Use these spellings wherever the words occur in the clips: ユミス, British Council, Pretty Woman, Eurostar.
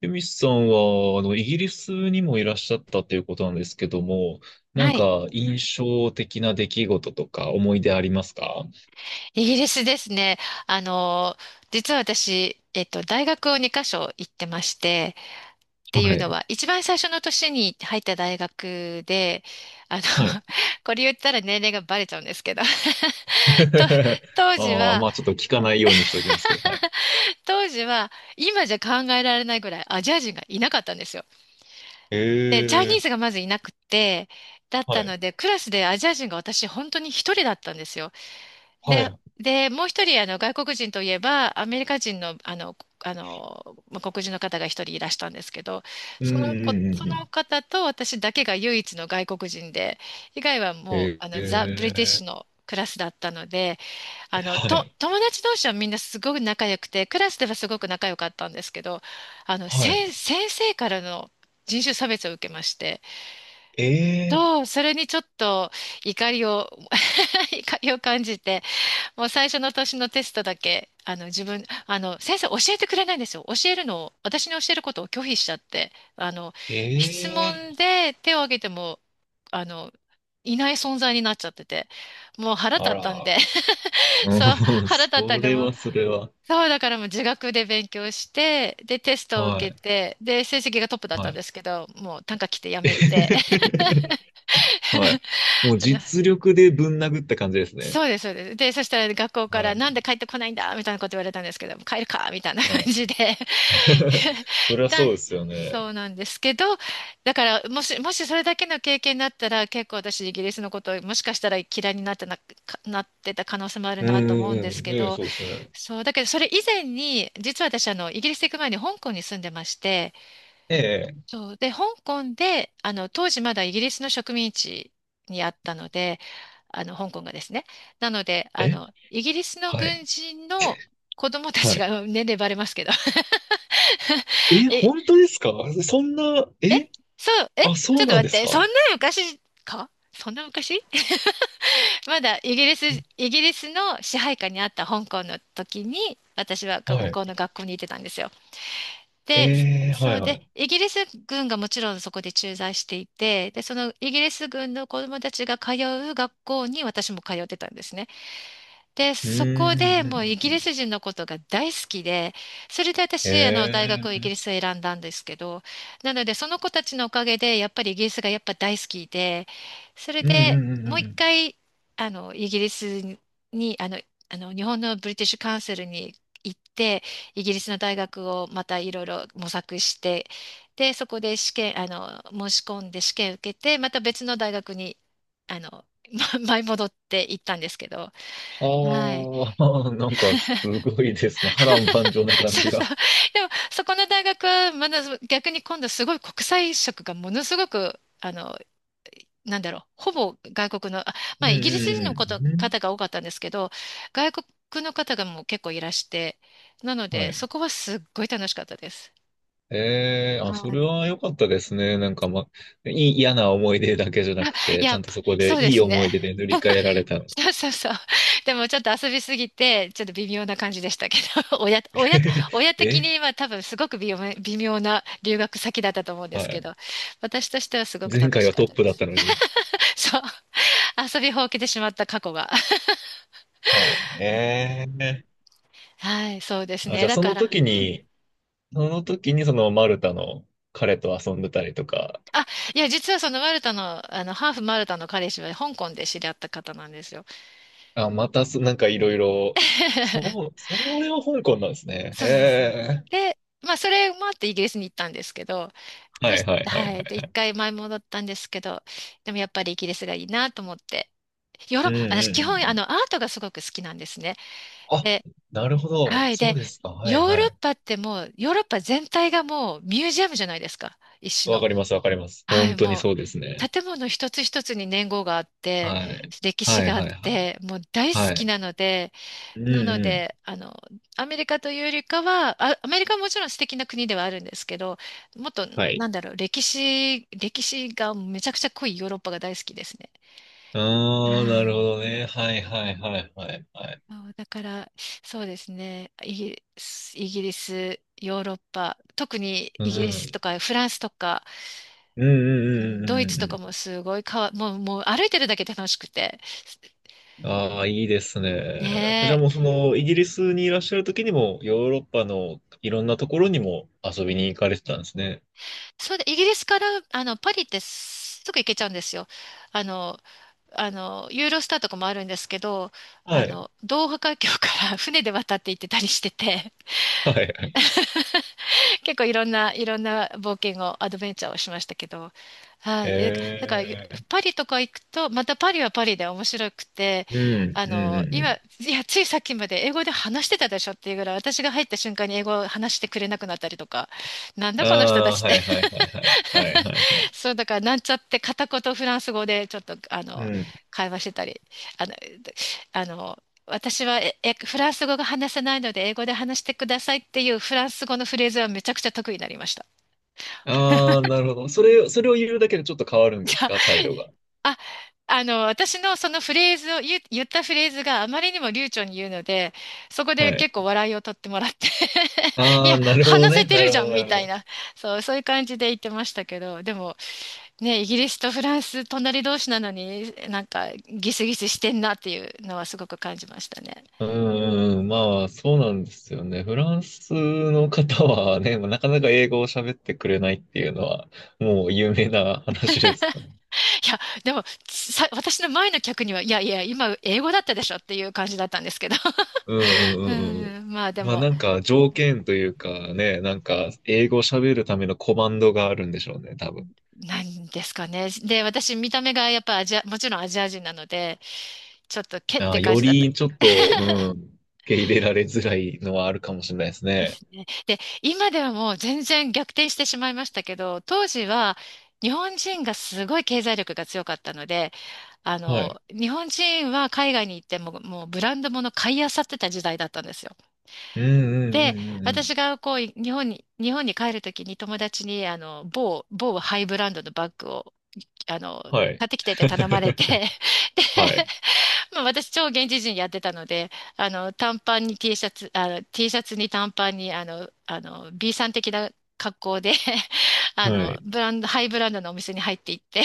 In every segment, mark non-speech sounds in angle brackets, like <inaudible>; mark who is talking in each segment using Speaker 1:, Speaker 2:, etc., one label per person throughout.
Speaker 1: ユミスさんは、イギリスにもいらっしゃったということなんですけども、な
Speaker 2: は
Speaker 1: ん
Speaker 2: い。
Speaker 1: か印象的な出来事とか思い出ありますか？
Speaker 2: イギリスですね。あの、実は私、大学を2カ所行ってまして、って
Speaker 1: は
Speaker 2: いうの
Speaker 1: い。
Speaker 2: は、一番最初の年に入った大学で、あの、
Speaker 1: はい。
Speaker 2: <laughs> これ言ったら年齢がバレちゃうんですけど、<laughs> と、
Speaker 1: <laughs>
Speaker 2: 当時
Speaker 1: ああ、
Speaker 2: は、
Speaker 1: まあちょっと聞かないようにしておきますけど、はい。
Speaker 2: <laughs> 当時は、今じゃ考えられないぐらいアジア人がいなかったんですよ。
Speaker 1: え
Speaker 2: で、チャイニーズが
Speaker 1: え、
Speaker 2: まずいなくて、だっ
Speaker 1: は
Speaker 2: た
Speaker 1: い。
Speaker 2: ので、クラスでアジア人が私本当に一人だったんですよ。
Speaker 1: は
Speaker 2: で、
Speaker 1: い。
Speaker 2: で、もう一人、外国人といえば、アメリカ人の、まあ黒人の方が一人いらしたんですけど、
Speaker 1: うん
Speaker 2: そ
Speaker 1: う
Speaker 2: の子、
Speaker 1: んう
Speaker 2: そ
Speaker 1: んう
Speaker 2: の
Speaker 1: ん。
Speaker 2: 方と私だけが唯一の外国人で、以外はもう、
Speaker 1: え
Speaker 2: ザ・ブリティッシ
Speaker 1: え、
Speaker 2: ュのクラスだったので、
Speaker 1: はい。
Speaker 2: 友達同士はみんなすごく仲良くて、クラスではすごく仲良かったんですけど、
Speaker 1: はい。
Speaker 2: 先生からの人種差別を受けまして、
Speaker 1: ええ、
Speaker 2: と、それにちょっと怒りを、<laughs> 怒りを感じて、もう最初の年のテストだけ、あの自分、あの先生教えてくれないんですよ。教えるのを、私に教えることを拒否しちゃって、
Speaker 1: え
Speaker 2: 質問
Speaker 1: え、
Speaker 2: で手を挙げても、あの、いない存在になっちゃってて、もう腹
Speaker 1: あ
Speaker 2: 立ったんで、
Speaker 1: ら。
Speaker 2: <laughs> そう、
Speaker 1: うん、
Speaker 2: 腹
Speaker 1: そ
Speaker 2: 立ったんで、
Speaker 1: れ
Speaker 2: もう、
Speaker 1: はそれは。
Speaker 2: そう、だからもう自学で勉強して、で、テストを
Speaker 1: は
Speaker 2: 受
Speaker 1: い。
Speaker 2: けて、で、成績がトップだっ
Speaker 1: は
Speaker 2: たん
Speaker 1: い。
Speaker 2: ですけど、もう短歌来てやめて、
Speaker 1: <laughs> は
Speaker 2: <laughs>
Speaker 1: い。もう
Speaker 2: あの
Speaker 1: 実力でぶん殴った感じですね。
Speaker 2: そうです、そうです。で、そしたら学校か
Speaker 1: は
Speaker 2: ら、なんで
Speaker 1: い。
Speaker 2: 帰ってこないんだみたいなこと言われたんですけど、帰るかみたいな感
Speaker 1: はい。
Speaker 2: じで <laughs>
Speaker 1: <laughs> そりゃ
Speaker 2: だ、
Speaker 1: そうですよ
Speaker 2: そ
Speaker 1: ね。
Speaker 2: うなんですけど、だから、もしそれだけの経験だったら、結構私、イギリスのことを、もしかしたら嫌いになってな、かなってた可能性もある
Speaker 1: うん
Speaker 2: なと思うん
Speaker 1: うん
Speaker 2: で
Speaker 1: う
Speaker 2: す
Speaker 1: ん。
Speaker 2: け
Speaker 1: ねえ、
Speaker 2: ど、
Speaker 1: そうですね。
Speaker 2: そう、だけど、それ以前に、実は私、イギリス行く前に香港に住んでまして、
Speaker 1: え
Speaker 2: そう。で、香港で、当時まだイギリスの植民地にあったので、香港がですね。なので、
Speaker 1: え。え、
Speaker 2: イギリスの
Speaker 1: はい。
Speaker 2: 軍人の子供た
Speaker 1: は
Speaker 2: ち
Speaker 1: い。
Speaker 2: が、うん年齢バレますけど。<laughs>
Speaker 1: え、
Speaker 2: え、
Speaker 1: 本当ですか？そんな、
Speaker 2: え、
Speaker 1: え、
Speaker 2: そう、え、
Speaker 1: あ、
Speaker 2: ち
Speaker 1: そ
Speaker 2: ょ
Speaker 1: う
Speaker 2: っと
Speaker 1: な
Speaker 2: 待
Speaker 1: んで
Speaker 2: っ
Speaker 1: す
Speaker 2: て、そん
Speaker 1: か？
Speaker 2: な昔そんな昔 <laughs> まだイギリス、イギリスの支配下にあった香港の時に、私は向
Speaker 1: はい。
Speaker 2: こうの学校に行ってたんですよ。で、
Speaker 1: ええ、は
Speaker 2: そ
Speaker 1: い
Speaker 2: う
Speaker 1: は
Speaker 2: で、
Speaker 1: い。
Speaker 2: イギリス軍がもちろんそこで駐在していて、で、そのイギリス軍の子供たちが通う学校に私も通ってたんですね。で、
Speaker 1: うー
Speaker 2: そこ
Speaker 1: ん。う
Speaker 2: で
Speaker 1: んう
Speaker 2: もうイギリ
Speaker 1: ん。
Speaker 2: ス人のことが大好きで、それで
Speaker 1: え
Speaker 2: 私、大学をイギリ
Speaker 1: え。
Speaker 2: スを選んだんですけど、なので、その子たちのおかげで、やっぱりイギリスがやっぱ大好きで、それ
Speaker 1: うんう
Speaker 2: で
Speaker 1: んうんう
Speaker 2: もう
Speaker 1: ん
Speaker 2: 一
Speaker 1: うん。
Speaker 2: 回、あの、イギリスに、あの、あの、日本のブリティッシュカウンセルに行って、イギリスの大学をまたいろいろ模索して、で、そこで試験、あの、申し込んで試験受けて、また別の大学に、あの、ま前 <laughs> 戻って行ったんですけど、はい。
Speaker 1: ああ、<laughs> なんかすごいですね。波乱万丈な
Speaker 2: <laughs>
Speaker 1: 感
Speaker 2: そ
Speaker 1: じ
Speaker 2: うそ
Speaker 1: が。
Speaker 2: う。でも、そこの大学は、まだ逆に今度すごい国際色がものすごく、なんだろう、ほぼ外国の、あ、
Speaker 1: う
Speaker 2: ま
Speaker 1: ん
Speaker 2: あ、
Speaker 1: う
Speaker 2: イギリス人のこ
Speaker 1: ん
Speaker 2: と
Speaker 1: うん。う
Speaker 2: 方
Speaker 1: ん、
Speaker 2: が多かったんですけど、外国の方がもう結構いらして、なの
Speaker 1: は
Speaker 2: で、そ
Speaker 1: い。
Speaker 2: こはすっごい楽しかったです。
Speaker 1: ええ、あ、そ
Speaker 2: は
Speaker 1: れ
Speaker 2: い。
Speaker 1: は良かったですね。なんか、ま、いい、嫌な思い出だけじゃ
Speaker 2: <laughs>
Speaker 1: な
Speaker 2: あ
Speaker 1: く
Speaker 2: い
Speaker 1: て、ち
Speaker 2: や、
Speaker 1: ゃんとそこで
Speaker 2: そうで
Speaker 1: いい
Speaker 2: す
Speaker 1: 思
Speaker 2: ね。
Speaker 1: い出で塗り替えられたの。
Speaker 2: そうそうそう。でもちょっと遊びすぎて、ちょっと微妙な感じでしたけど、<laughs>
Speaker 1: <laughs>
Speaker 2: 親的
Speaker 1: え、
Speaker 2: には多分すごく微妙な留学先だったと思うんで
Speaker 1: は
Speaker 2: すけ
Speaker 1: い。
Speaker 2: ど、私としてはすごく
Speaker 1: 前
Speaker 2: 楽
Speaker 1: 回
Speaker 2: し
Speaker 1: は
Speaker 2: かっ
Speaker 1: トッ
Speaker 2: た
Speaker 1: プ
Speaker 2: で
Speaker 1: だっ
Speaker 2: す。
Speaker 1: たのに。
Speaker 2: <laughs> そう。<laughs> 遊びほうけてしまった過去が。<laughs>
Speaker 1: はい。ええ、
Speaker 2: はい、そうです
Speaker 1: あ、じ
Speaker 2: ね。
Speaker 1: ゃあ
Speaker 2: だ
Speaker 1: そ
Speaker 2: か
Speaker 1: の
Speaker 2: ら、
Speaker 1: 時
Speaker 2: うん。
Speaker 1: に、その時にそのマルタの彼と遊んでたりとか、
Speaker 2: あ、いや、実はそのマルタの、ハーフマルタの彼氏は香港で知り合った方なんですよ。
Speaker 1: あ、またそ、なんかいろいろ、
Speaker 2: <laughs>
Speaker 1: そう、それは香港なんですね。え
Speaker 2: そうですね。
Speaker 1: え、
Speaker 2: で、まあ、それもあってイギリスに行ったんですけど、
Speaker 1: は
Speaker 2: そ
Speaker 1: い
Speaker 2: し、
Speaker 1: はいはいは
Speaker 2: はい。
Speaker 1: い。
Speaker 2: で、一回前戻ったんですけど、でもやっぱりイギリスがいいなと思って。ヨー
Speaker 1: う
Speaker 2: ロ、
Speaker 1: んう
Speaker 2: 私
Speaker 1: んうん
Speaker 2: 基
Speaker 1: う
Speaker 2: 本あ
Speaker 1: ん。
Speaker 2: のアートがすごく好きなんですね。
Speaker 1: あ、
Speaker 2: で、
Speaker 1: なるほど。
Speaker 2: はい。
Speaker 1: そう
Speaker 2: で、
Speaker 1: ですか。は
Speaker 2: ヨー
Speaker 1: いは
Speaker 2: ロッ
Speaker 1: い。
Speaker 2: パってもう、ヨーロッパ全体がもうミュージアムじゃないですか。一種
Speaker 1: わ
Speaker 2: の。
Speaker 1: かります、わかります。
Speaker 2: は
Speaker 1: 本
Speaker 2: い。
Speaker 1: 当に
Speaker 2: も
Speaker 1: そうですね。
Speaker 2: う、建物一つ一つに年号があって、
Speaker 1: はい。
Speaker 2: 歴史
Speaker 1: はい、
Speaker 2: があっ
Speaker 1: はい、はい。
Speaker 2: て、もう大
Speaker 1: は
Speaker 2: 好き
Speaker 1: い。
Speaker 2: なので、
Speaker 1: うん、
Speaker 2: なの
Speaker 1: うん。
Speaker 2: で、アメリカというよりかは、あ、アメリカはもちろん素敵な国ではあるんですけど、もっと、
Speaker 1: はい。
Speaker 2: なんだろう、歴史がめちゃくちゃ濃いヨーロッパが大好きですね。は
Speaker 1: ああ、なるほ
Speaker 2: い。
Speaker 1: どね。はい、はい、はい、はい、はい。
Speaker 2: そうだから、そうですね、イギリス、ヨーロッパ、特に
Speaker 1: う
Speaker 2: イギリス
Speaker 1: ん。
Speaker 2: とかフランスとか、
Speaker 1: うん、う
Speaker 2: う
Speaker 1: ん、うん、
Speaker 2: んドイ
Speaker 1: う
Speaker 2: ツ
Speaker 1: ん、う
Speaker 2: とか
Speaker 1: ん。
Speaker 2: もすごいかわ、もう歩いてるだけで楽しくて。
Speaker 1: ああ、いいですね。じゃ
Speaker 2: ね
Speaker 1: あ
Speaker 2: え。
Speaker 1: もうその、イギリスにいらっしゃる時にも、ヨーロッパのいろんなところにも遊びに行かれてたんですね。
Speaker 2: それで、イギリスから、パリってすぐ行けちゃうんですよ。あの、ユーロスターとかもあるんですけど、
Speaker 1: はい。
Speaker 2: ドーハ海峡から <laughs> 船で渡って行ってたりしてて、
Speaker 1: はい、はい。
Speaker 2: <laughs> 結構いろんな冒険を、アドベンチャーをしましたけど、はい。えだか
Speaker 1: え
Speaker 2: ら、ゆ
Speaker 1: え、
Speaker 2: パリとか行くと、またパリはパリで面白くて、
Speaker 1: うん、
Speaker 2: あ
Speaker 1: うん、
Speaker 2: の、
Speaker 1: うん。う
Speaker 2: 今、い
Speaker 1: ん、
Speaker 2: や、ついさっきまで英語で話してたでしょっていうぐらい、私が入った瞬間に英語を話してくれなくなったりとか、なん
Speaker 1: あ
Speaker 2: だこの人た
Speaker 1: あ、
Speaker 2: ちっ
Speaker 1: は
Speaker 2: て
Speaker 1: い、はい、はい、はい。はい、
Speaker 2: <laughs>
Speaker 1: はい、はい。
Speaker 2: そう、だから、なんちゃって片言フランス語でちょっと、
Speaker 1: うん、
Speaker 2: 会話してたり、あの、私はええフランス語が話せないので英語で話してくださいっていうフランス語のフレーズはめちゃくちゃ得意になりました。
Speaker 1: ああ、なるほど。それ、それを言うだけでちょっと変わる
Speaker 2: <laughs>
Speaker 1: ん
Speaker 2: じ
Speaker 1: です
Speaker 2: ゃ
Speaker 1: か、態度が？
Speaker 2: あ、あ、私のそのフレーズを言う、言ったフレーズがあまりにも流暢に言うので、そこ
Speaker 1: は
Speaker 2: で
Speaker 1: い。
Speaker 2: 結構笑いを取ってもらって <laughs> い
Speaker 1: ああ、
Speaker 2: や、
Speaker 1: なるほど
Speaker 2: 話せ
Speaker 1: ね。
Speaker 2: て
Speaker 1: な
Speaker 2: る
Speaker 1: る
Speaker 2: じ
Speaker 1: ほ
Speaker 2: ゃ
Speaker 1: ど、
Speaker 2: ん
Speaker 1: な
Speaker 2: み
Speaker 1: る
Speaker 2: た
Speaker 1: ほ
Speaker 2: い
Speaker 1: ど。
Speaker 2: な、そう、そういう感じで言ってましたけど、でも、ね、イギリスとフランス隣同士なのになんかギスギスしてんなっていうのはすごく感じましたね。
Speaker 1: うんうん、まあ、そうなんですよね。フランスの方はね、まあなかなか英語を喋ってくれないっていうのは、もう有名な話ですよね。
Speaker 2: いや、でもさ、私の前の客には、いやいや、今英語だったでしょっていう感じだったんですけど。
Speaker 1: うんう
Speaker 2: <laughs> う
Speaker 1: んうんうん。
Speaker 2: ん、まあで
Speaker 1: まあ
Speaker 2: も、
Speaker 1: なんか条件というかね、なんか英語を喋るためのコマンドがあるんでしょうね、多分。
Speaker 2: なんですかね。で、私見た目がやっぱアジア、もちろんアジア人なので、ちょっとけっ
Speaker 1: ああ、
Speaker 2: て感
Speaker 1: よ
Speaker 2: じだった。
Speaker 1: りちょっと、うん、受け入れられづらいのはあるかもしれないです
Speaker 2: で
Speaker 1: ね。
Speaker 2: すね。で、今ではもう全然逆転してしまいましたけど、当時は日本人がすごい経済力が強かったので、
Speaker 1: はい。
Speaker 2: 日本人は海外に行っても、もうブランド物買い漁ってた時代だったんですよ。
Speaker 1: うんうんう
Speaker 2: で、
Speaker 1: んうんう
Speaker 2: 私
Speaker 1: ん。
Speaker 2: がこう、日本に帰るときに友達に、某ハイブランドのバッグを、あの、
Speaker 1: はい。
Speaker 2: 買ってきてって頼まれて、
Speaker 1: <laughs>
Speaker 2: <laughs> で
Speaker 1: はい。
Speaker 2: まあ、私、超現地人やってたので、短パンに T シャツ、T シャツに短パンに、B さん的な格好で <laughs> あ
Speaker 1: は
Speaker 2: の、
Speaker 1: い。
Speaker 2: ブランド、ハイブランドのお店に入っていって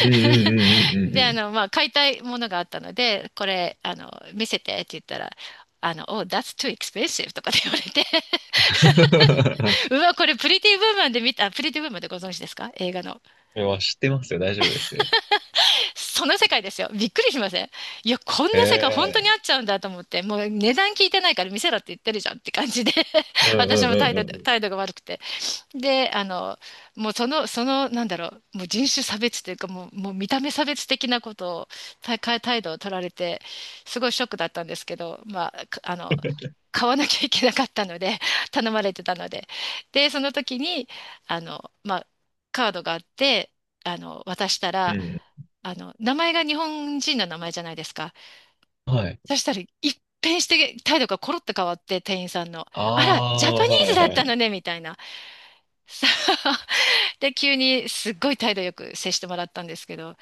Speaker 1: うんうんう んうんう
Speaker 2: で、
Speaker 1: ん
Speaker 2: まあ、買いたいものがあったので、これ、見せてって言ったら、Oh, that's too expensive とかって言われて
Speaker 1: うん。<laughs>
Speaker 2: <laughs> うわ、これ、プリティ・ブーマンで見た、あ、プリティ・ブーマンでご存知ですか、映画の。
Speaker 1: いや知ってますよ。大丈夫ですよ。
Speaker 2: その世界ですよ。びっくりしません？いや、こんな世界本当に
Speaker 1: ええ、
Speaker 2: あっちゃうんだと思って、もう値段聞いてないから見せろって言ってるじゃんって感じで
Speaker 1: うん
Speaker 2: <laughs> 私
Speaker 1: うん
Speaker 2: も態
Speaker 1: う
Speaker 2: 度、
Speaker 1: ん
Speaker 2: 態度が悪くて。で、あの、もうその、なんだろう、もう人種差別というか、もう見た目差別的なことを、態度を取られて、すごいショックだったんですけど、まあ、か、あの、買わなきゃいけなかったので、<laughs> 頼まれてたので。で、その時に、まあ、カードがあって、渡した
Speaker 1: う
Speaker 2: ら、
Speaker 1: ん。
Speaker 2: 名前が日本人の名前じゃないですか。
Speaker 1: うん。はい。
Speaker 2: そしたら、一変して態度がコロッと変わって、店員さんの。
Speaker 1: あ
Speaker 2: あら、ジャパ
Speaker 1: あ、
Speaker 2: ニ
Speaker 1: は
Speaker 2: ーズ
Speaker 1: い
Speaker 2: だ
Speaker 1: は
Speaker 2: った
Speaker 1: い。
Speaker 2: のね、みたいな。そう。 <laughs> で、急にすっごい態度よく接してもらったんですけど、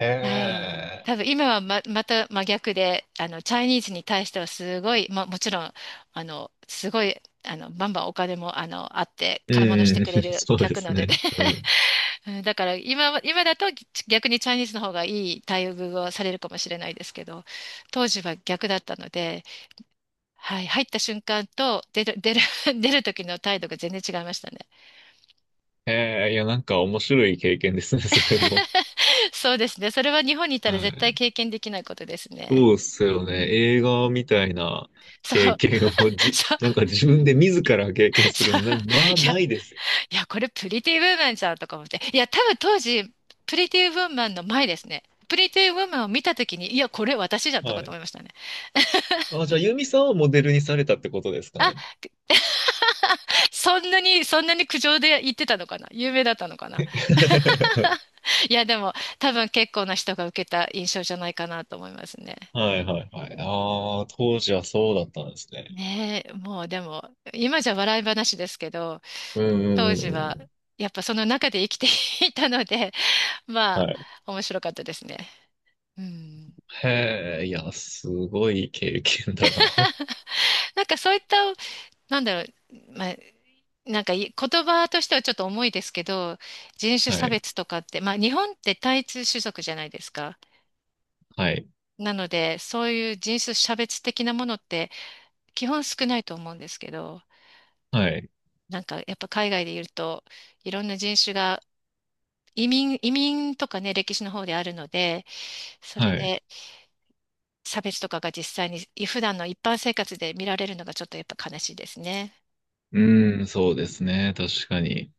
Speaker 1: へ
Speaker 2: はい。
Speaker 1: え。
Speaker 2: 多分今はま、また真逆で、チャイニーズに対してはすごい、ま、もちろん、あの、すごい、あの、バンバンお金も、あって、
Speaker 1: う
Speaker 2: 買い物し
Speaker 1: ん
Speaker 2: て
Speaker 1: うん。<laughs>
Speaker 2: くれる
Speaker 1: そうで
Speaker 2: 客な
Speaker 1: す
Speaker 2: のでね。
Speaker 1: ね。うん。
Speaker 2: うん、だから今は、今だと逆にチャイニーズの方がいい待遇をされるかもしれないですけど、当時は逆だったので、はい、入った瞬間と出る、<laughs> 出る、<laughs> 出る時の態度が全然違いましたね。
Speaker 1: へえ、いや、なんか面白い経験ですね、それも。
Speaker 2: そうですね。それは日本にいたら
Speaker 1: は
Speaker 2: 絶対
Speaker 1: い。
Speaker 2: 経験できないことですね。
Speaker 1: そうっすよ
Speaker 2: う
Speaker 1: ね。
Speaker 2: ん。
Speaker 1: 映画みたいな
Speaker 2: そ
Speaker 1: 経
Speaker 2: う、
Speaker 1: 験をじ、
Speaker 2: そう、
Speaker 1: なんか自分で自ら経験する
Speaker 2: そう。
Speaker 1: の、な、まあ、ないですよ。
Speaker 2: いや、これプリティウーマンじゃんとか思って。いや、多分当時、プリティウーマンの前ですね。プリティウーマンを見た時に、いや、これ私じゃんと
Speaker 1: は
Speaker 2: かと思
Speaker 1: い。
Speaker 2: いましたね。
Speaker 1: あ、じゃあ、ユミさんをモデルにされたってことですか
Speaker 2: あ。
Speaker 1: ね？
Speaker 2: <laughs> そんなに苦情で言ってたのかな、有名だったのかな。
Speaker 1: <laughs>
Speaker 2: いや、でも、多分結構な人が受けた印象じゃないかなと思いますね。
Speaker 1: はいはいはい。ああ、当時はそうだったんですね。
Speaker 2: ねえ、もうでも、今じゃ笑い話ですけど、
Speaker 1: うんう
Speaker 2: 当
Speaker 1: んう
Speaker 2: 時
Speaker 1: んう
Speaker 2: は、
Speaker 1: ん。
Speaker 2: やっぱその中で生きていたので、<laughs> ま
Speaker 1: は
Speaker 2: あ、
Speaker 1: い。
Speaker 2: 面白かったですね。うん。
Speaker 1: へえ、いや、すごい経験だな。<laughs>
Speaker 2: なんかそういった、なんだろう、まあ、なんか、い、言葉としてはちょっと重いですけど、人種
Speaker 1: は
Speaker 2: 差
Speaker 1: い。
Speaker 2: 別とかって、まあ日本って単一種族じゃないですか。
Speaker 1: はい。
Speaker 2: なので、そういう人種差別的なものって基本少ないと思うんですけど、
Speaker 1: はい。
Speaker 2: なんかやっぱ海外でいるといろんな人種が、移民とかね、歴史の方であるので、それ
Speaker 1: はい。
Speaker 2: で差別とかが実際に普段の一般生活で見られるのがちょっとやっぱ悲しいですね。
Speaker 1: うん、そうですね。確かに。